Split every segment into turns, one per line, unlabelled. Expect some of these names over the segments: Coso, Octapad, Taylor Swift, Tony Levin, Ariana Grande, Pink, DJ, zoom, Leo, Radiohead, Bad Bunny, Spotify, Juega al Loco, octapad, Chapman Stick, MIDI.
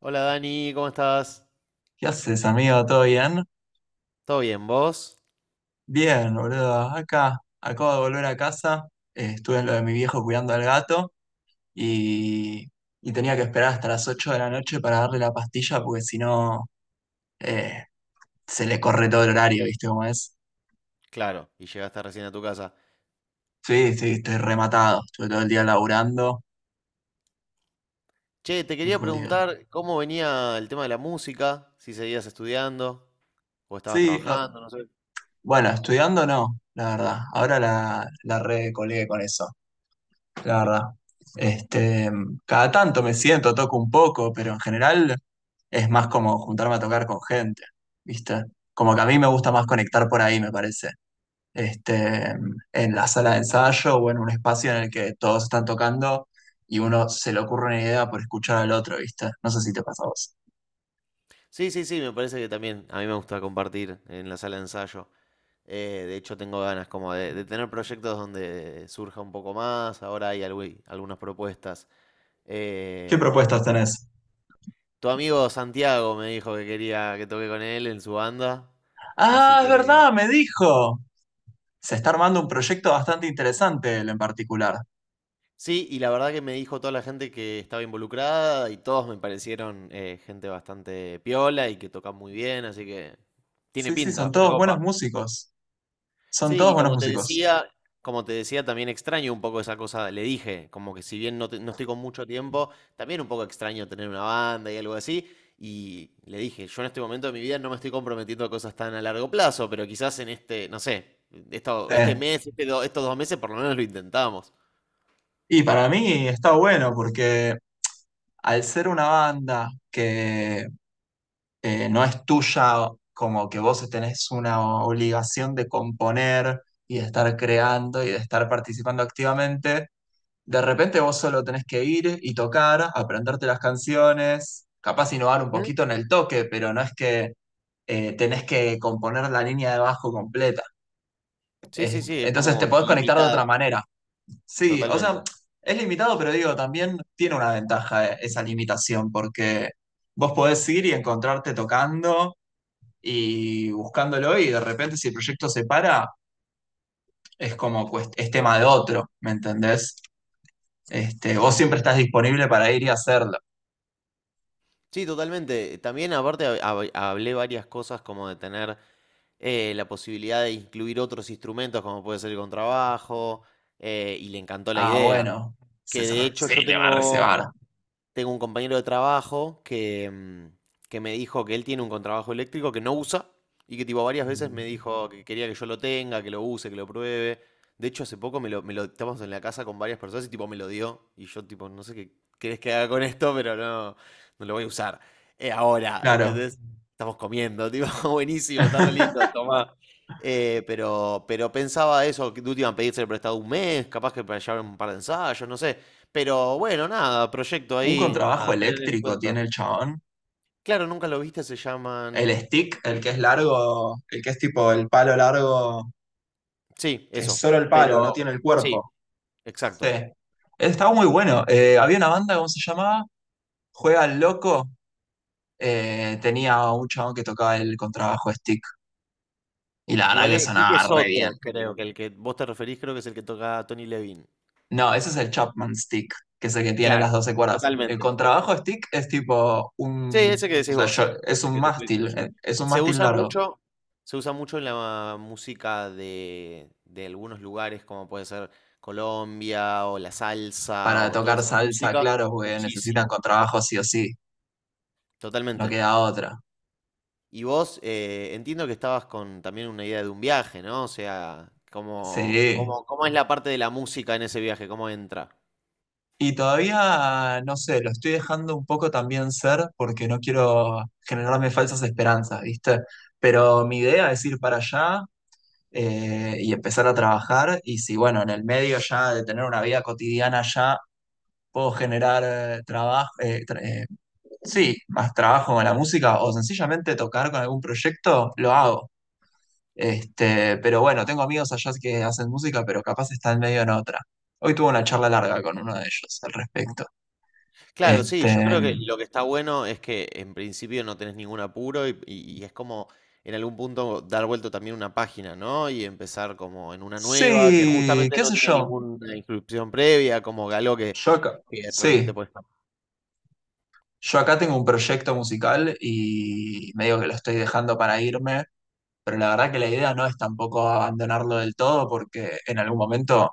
Hola Dani, ¿cómo estás?
¿Qué haces, amigo? ¿Todo bien?
¿Todo bien, vos?
Bien, boludo. Acá, acabo de volver a casa. Estuve en lo de mi viejo cuidando al gato y, y tenía que esperar hasta las 8 de la noche para darle la pastilla porque si no eh, se le corre todo el horario, ¿viste cómo es?
Claro, y llegaste recién a tu casa.
Sí, sí, estoy rematado. Estuve todo el día laburando.
Che, te
Muy
quería
jodido.
preguntar cómo venía el tema de la música, si seguías estudiando o estabas
Sí,
trabajando, no sé.
bueno, estudiando no, la verdad. Ahora la recolegué con eso. La verdad. Este, cada tanto me siento, toco un poco, pero en general es más como juntarme a tocar con gente, ¿viste? Como que a mí me gusta más conectar por ahí, me parece. Este, en la sala de ensayo o en un espacio en el que todos están tocando y uno se le ocurre una idea por escuchar al otro, ¿viste? No sé si te pasa a vos.
Sí, sí, sí, me parece que también a mí me gusta compartir en la sala de ensayo. De hecho, tengo ganas como de tener proyectos donde surja un poco más. Ahora hay algunas propuestas.
¿Qué
Eh,
propuestas tenés?
tu amigo Santiago me dijo que quería que toque con él en su banda, así
Ah, es
que...
verdad, me dijo. Se está armando un proyecto bastante interesante, él en particular.
Sí, y la verdad que me dijo toda la gente que estaba involucrada y todos me parecieron gente bastante piola y que toca muy bien, así que tiene
Sí, sí, son
pinta, me
todos buenos
copa.
músicos. Son
Sí,
todos
y
buenos
como te
músicos.
decía, también extraño un poco esa cosa, le dije, como que si bien no, no estoy con mucho tiempo, también un poco extraño tener una banda y algo así. Y le dije, yo en este momento de mi vida no me estoy comprometiendo a cosas tan a largo plazo, pero quizás en este, no sé,
Sí.
este mes, estos dos meses por lo menos lo intentamos.
Y para mí está bueno porque al ser una banda que no es tuya, como que vos tenés una obligación de componer y de estar creando y de estar participando activamente, de repente vos solo tenés que ir y tocar, aprenderte las canciones, capaz innovar un poquito en el toque, pero no es que tenés que componer la línea de bajo completa.
Sí, sí, sí, es
Entonces te
como
podés conectar de otra
limitado.
manera. Sí, o sea,
Totalmente.
es limitado, pero digo, también tiene una ventaja esa limitación, porque vos podés ir y encontrarte tocando y buscándolo, y de repente si el proyecto se para, es como cuest- es tema de otro, ¿me entendés? Vos siempre estás disponible para ir y hacerlo.
Sí, totalmente. También aparte hablé varias cosas como de tener la posibilidad de incluir otros instrumentos como puede ser el contrabajo, y le encantó la
Ah,
idea.
bueno, se
Que de
sabe-
hecho yo
sí, le va a
tengo...
reservar.
Tengo un compañero de trabajo que, que me dijo que él tiene un contrabajo eléctrico que no usa y que tipo varias veces me dijo que quería que yo lo tenga, que lo use, que lo pruebe. De hecho, hace poco me lo estábamos en la casa con varias personas y tipo me lo dio. Y yo tipo, no sé qué querés que haga con esto, pero no, no lo voy a usar. Ahora,
Claro.
¿entendés? Estamos comiendo, tipo, buenísimo, está re lindo, tomá. Pero pensaba eso, que de última pedirse prestado un mes, capaz que para llevar un par de ensayos, no sé. Pero bueno, nada, proyecto
Un
ahí
contrabajo
a tener en
eléctrico
cuenta.
tiene el chabón.
Claro, nunca lo viste, se
El
llaman.
stick, el que es largo, el que es tipo el palo largo
Sí,
que es
eso.
solo el palo, no
Pero
tiene el
sí,
cuerpo. Sí.
exacto.
Estaba muy bueno. Había una banda, ¿cómo se llamaba? Juega al Loco. Tenía un chabón que tocaba el contrabajo stick. Y la verdad
Igual
que
el que
sonaba
es
re bien.
otro, creo, que el que vos te referís, creo que es el que toca Tony Levin.
No, ese es el Chapman Stick, que es el que tiene las
Claro,
12 cuerdas. El
totalmente.
contrabajo stick es tipo
Sí,
un.
ese que
O
decís
sea,
vos.
yo-
Ese que te estoy diciendo yo.
es un
Se
mástil
usa
largo.
mucho, en la música de algunos lugares, como puede ser Colombia o la salsa
Para
o toda
tocar
esa
salsa,
música,
claro, porque necesitan
muchísimo.
contrabajo sí o sí. No
Totalmente.
queda otra.
Y vos, entiendo que estabas con también una idea de un viaje, ¿no? O sea, ¿cómo,
Sí.
cómo es la parte de la música en ese viaje? ¿Cómo entra?
Y todavía, no sé, lo estoy dejando un poco también ser porque no quiero generarme falsas esperanzas, ¿viste? Pero mi idea es ir para allá y empezar a trabajar y si, bueno, en el medio ya de tener una vida cotidiana ya puedo generar eh, trabajo, eh, tra- eh, sí, más trabajo con la música o sencillamente tocar con algún proyecto, lo hago. Pero bueno, tengo amigos allá que hacen música, pero capaz están medio en otra. Hoy tuve una charla larga con uno de ellos al respecto.
Claro, sí, yo
Este,
creo que lo que está bueno es que en principio no tenés ningún apuro y, y es como en algún punto dar vuelta también una página, ¿no? Y empezar como en una nueva que
sí,
justamente
qué
no
sé
tiene
yo.
ninguna inscripción previa, como algo
Yo acá,
que realmente
sí,
puedes.
yo acá tengo un proyecto musical y medio que lo estoy dejando para irme, pero la verdad que la idea no es tampoco abandonarlo del todo porque en algún momento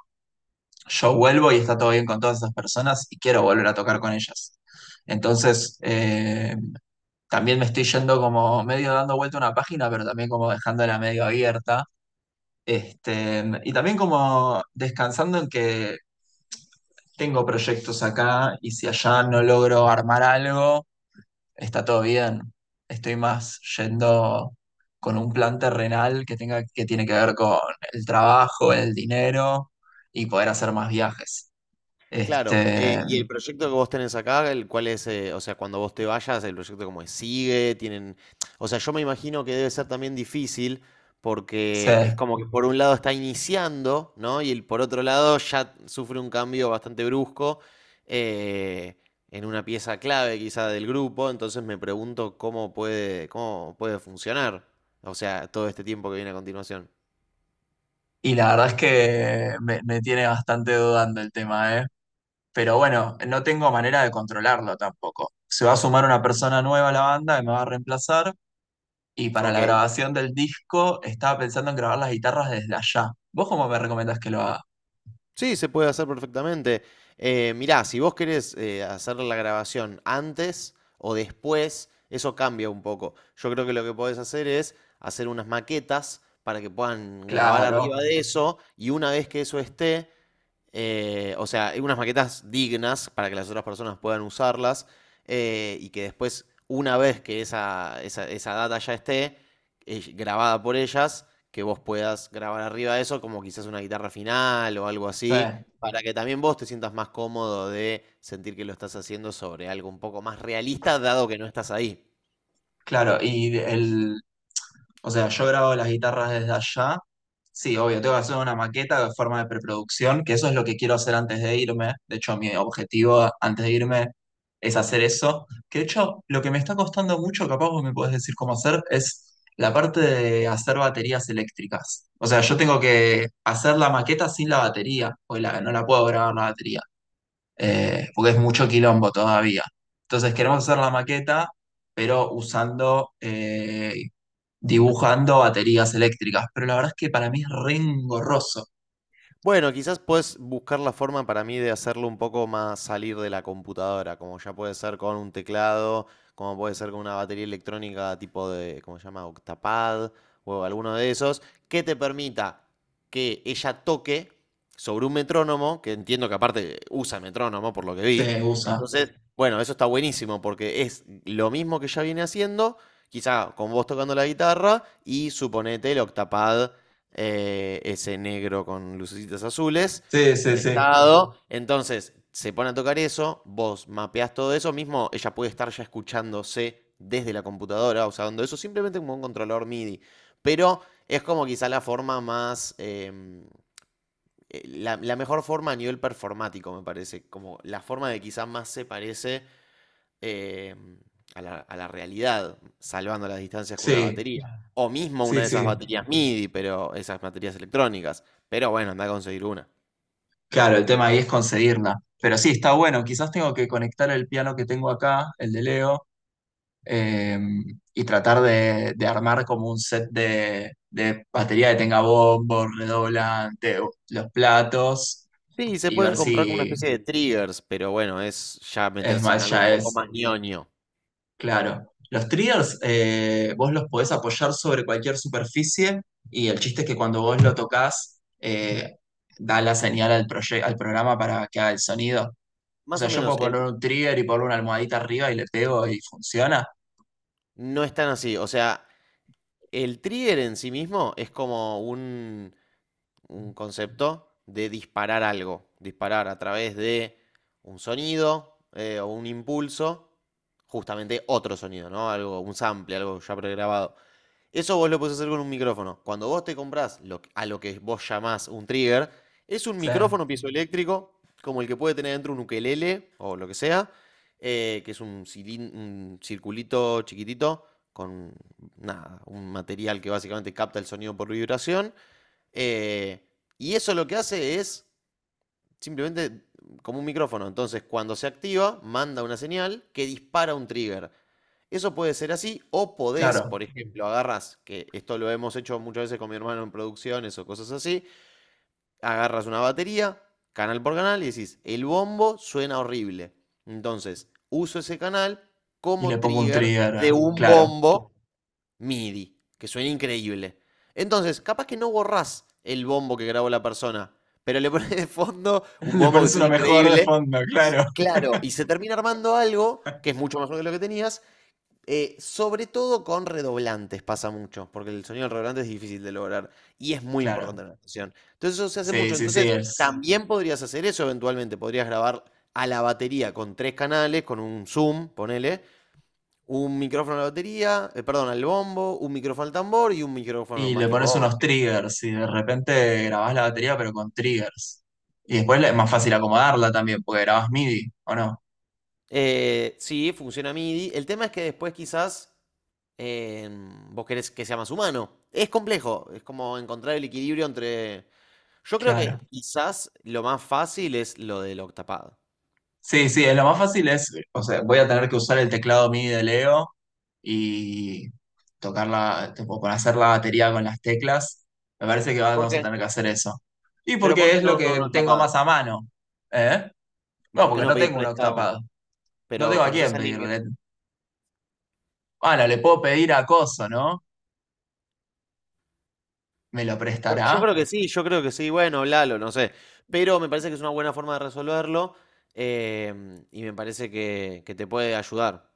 yo vuelvo y está todo bien con todas esas personas y quiero volver a tocar con ellas. Entonces, también me estoy yendo como medio dando vuelta a una página, pero también como dejándola medio abierta. Y también como descansando en que tengo proyectos acá y si allá no logro armar algo, está todo bien. Estoy más yendo con un plan terrenal que tenga, que tiene que ver con el trabajo, el dinero y poder hacer más viajes.
Claro,
Este,
y el proyecto que vos tenés acá, el cual es, o sea, cuando vos te vayas, el proyecto como es, sigue, tienen, o sea, yo me imagino que debe ser también difícil
sí.
porque es como que por un lado está iniciando, ¿no? Y el, por otro lado ya sufre un cambio bastante brusco, eh, en una pieza clave quizá del grupo, entonces me pregunto cómo puede funcionar, o sea, todo este tiempo que viene a continuación.
Y la verdad es que me tiene bastante dudando el tema, ¿eh? Pero bueno, no tengo manera de controlarlo tampoco. Se va a sumar una persona nueva a la banda que me va a reemplazar. Y para
Ok.
la grabación del disco estaba pensando en grabar las guitarras desde allá. ¿Vos cómo me recomendás que lo haga?
Sí, se puede hacer perfectamente. Mirá, si vos querés hacer la grabación antes o después, eso cambia un poco. Yo creo que lo que podés hacer es hacer unas maquetas para que puedan grabar arriba
Claro,
de eso y una vez que eso esté, o sea, unas maquetas dignas para que las otras personas puedan usarlas, y que después, una vez que esa data ya esté grabada por ellas, que vos puedas grabar arriba de eso, como quizás una guitarra final o algo
sí.
así, para que también vos te sientas más cómodo de sentir que lo estás haciendo sobre algo un poco más realista, dado que no estás ahí.
Claro, y el, o sea, yo grabo las guitarras desde allá. Sí, obvio, tengo que hacer una maqueta de forma de preproducción, que eso es lo que quiero hacer antes de irme. De hecho, mi objetivo antes de irme es hacer eso. Que de hecho, lo que me está costando mucho, capaz vos me podés decir cómo hacer, es la parte de hacer baterías eléctricas. O sea, yo tengo que hacer la maqueta sin la batería, o la, no la puedo grabar la batería porque es mucho quilombo todavía. Entonces queremos hacer la maqueta, pero usando, dibujando baterías eléctricas. Pero la verdad es que para mí es re engorroso.
Bueno, quizás puedes buscar la forma para mí de hacerlo un poco más salir de la computadora, como ya puede ser con un teclado, como puede ser con una batería electrónica tipo de, ¿cómo se llama? Octapad o alguno de esos, que te permita que ella toque sobre un metrónomo, que entiendo que aparte usa metrónomo por lo que vi.
Se usa.
Entonces, bueno, eso está buenísimo porque es lo mismo que ya viene haciendo, quizá con vos tocando la guitarra y suponete el Octapad, ese negro con lucecitas azules,
Sí, sí, sí,
prestado. Entonces, se pone a tocar eso, vos mapeás todo eso mismo, ella puede estar ya escuchándose desde la computadora, usando eso simplemente como un controlador MIDI. Pero es como quizá la forma más... la mejor forma a nivel performático, me parece. Como la forma de quizá más se parece, eh, a a la realidad, salvando las distancias con una
sí,
batería. Claro. O mismo una
sí,
de esas
sí.
baterías MIDI, pero esas baterías electrónicas. Pero bueno, anda a conseguir una.
Claro, el tema ahí es conseguirla. Pero sí, está bueno. Quizás tengo que conectar el piano que tengo acá, el de Leo, eh, y tratar de armar como un set de batería que tenga bombo, redoblante, los platos
Sí, se
y
pueden
ver
comprar con una
si
especie de triggers, pero bueno, es ya meterse en
Smash
algo un
ya
poco
es
más ñoño.
claro. Los triggers vos los podés apoyar sobre cualquier superficie y el chiste es que cuando vos lo tocas da la señal al, proye- al programa para que haga el sonido. O
Más
sea,
o
yo
menos,
puedo poner un trigger y poner una almohadita arriba y le pego y funciona.
no es tan así. O sea, el trigger en sí mismo es como un concepto de disparar algo, disparar a través de un sonido, o un impulso, justamente otro sonido, ¿no? Algo, un sample, algo ya pregrabado. Eso vos lo podés hacer con un micrófono. Cuando vos te comprás lo a lo que vos llamás un trigger, es un
Sí,
micrófono piezoeléctrico, como el que puede tener dentro un ukelele o lo que sea, que es un circulito chiquitito con nada, un material que básicamente capta el sonido por vibración, eh, y eso lo que hace es simplemente como un micrófono. Entonces, cuando se activa, manda una señal que dispara un trigger. Eso puede ser así, o podés,
claro.
por ejemplo, agarras, que esto lo hemos hecho muchas veces con mi hermano en producciones o cosas así, agarras una batería, canal por canal, y decís, el bombo suena horrible. Entonces, uso ese canal
Y
como
le pongo un
trigger
trigger,
de un
claro.
bombo MIDI, que suena increíble. Entonces, capaz que no borrás el bombo que grabó la persona, pero le pones de fondo un
Le
bombo que
pones
suena
uno mejor de
increíble
fondo,
y
claro.
claro, y se termina armando algo que es mucho mejor que lo que tenías, sobre todo con redoblantes pasa mucho, porque el sonido del redoblante es difícil de lograr y es muy
Claro.
importante en la actuación. Entonces eso se hace
Sí,
mucho.
sí, sí,
Entonces
es.
también podrías hacer eso eventualmente, podrías grabar a la batería con tres canales, con un zoom, ponele, un micrófono a la batería, perdón, al bombo, un micrófono al tambor y un micrófono
Y
más
le
tipo
pones unos
overheads.
triggers y de repente grabás la batería pero con triggers. Y después le- es más fácil acomodarla también, porque grabás MIDI, ¿o no?
Sí, funciona MIDI. El tema es que después quizás eh, vos querés que sea más humano. Es complejo, es como encontrar el equilibrio entre... Yo creo
Claro.
que quizás lo más fácil es lo del octapado.
Sí, sí, es lo más fácil es, o sea, voy a tener que usar el teclado MIDI de Leo y tocarla, tipo, para hacer la batería con las teclas. Me parece que
¿Por
vamos a
qué?
tener que hacer eso. Y
Pero ¿por
porque
qué
es lo
no, no
que tengo
octapado?
más a mano, ¿eh?
¿Y
No,
por qué
porque
no
no
pedir
tengo un
prestado?
octapado. No
Pero
tengo a
conoces
quién
a alguien que...
pedirle. Bueno, le puedo pedir a Coso, ¿no? ¿Me lo
Yo,
prestará?
creo que sí, yo creo que sí, bueno, hablalo, no sé. Pero me parece que es una buena forma de resolverlo, y me parece que te puede ayudar.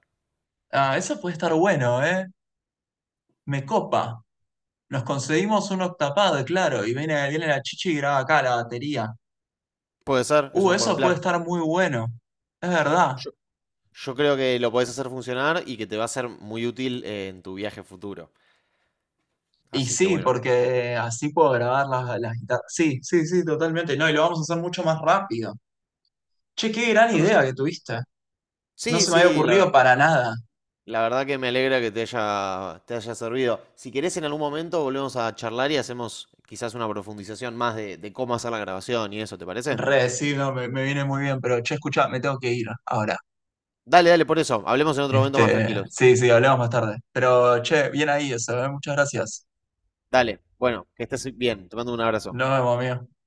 Ah, eso puede estar bueno, ¿eh? Me copa. Nos conseguimos un octapad, claro, y viene, viene la chichi y graba acá la batería.
Puede ser, es un buen
Eso puede
plan.
estar muy bueno. Es verdad.
Yo creo que lo podés hacer funcionar y que te va a ser muy útil en tu viaje futuro.
Y
Así que
sí,
bueno.
porque así puedo grabar las guitarras. Sí, sí, sí, totalmente. No, y lo vamos a hacer mucho más rápido. Che, qué gran
yo creo-
idea que tuviste. No
Sí,
se me había
sí,
ocurrido para nada.
la verdad que me alegra que te haya servido. Si querés, en algún momento volvemos a charlar y hacemos quizás una profundización más de cómo hacer la grabación y eso, ¿te parece?
Re, sí, no, me viene muy bien, pero che, escucha, me tengo que ir ahora.
Dale, dale, por eso. Hablemos en otro momento más tranquilos.
Sí, sí, hablamos más tarde. Pero che, bien ahí eso, ¿eh? Muchas gracias.
Dale, bueno, que estés bien. Te mando un abrazo.
Nos vemos, amigo.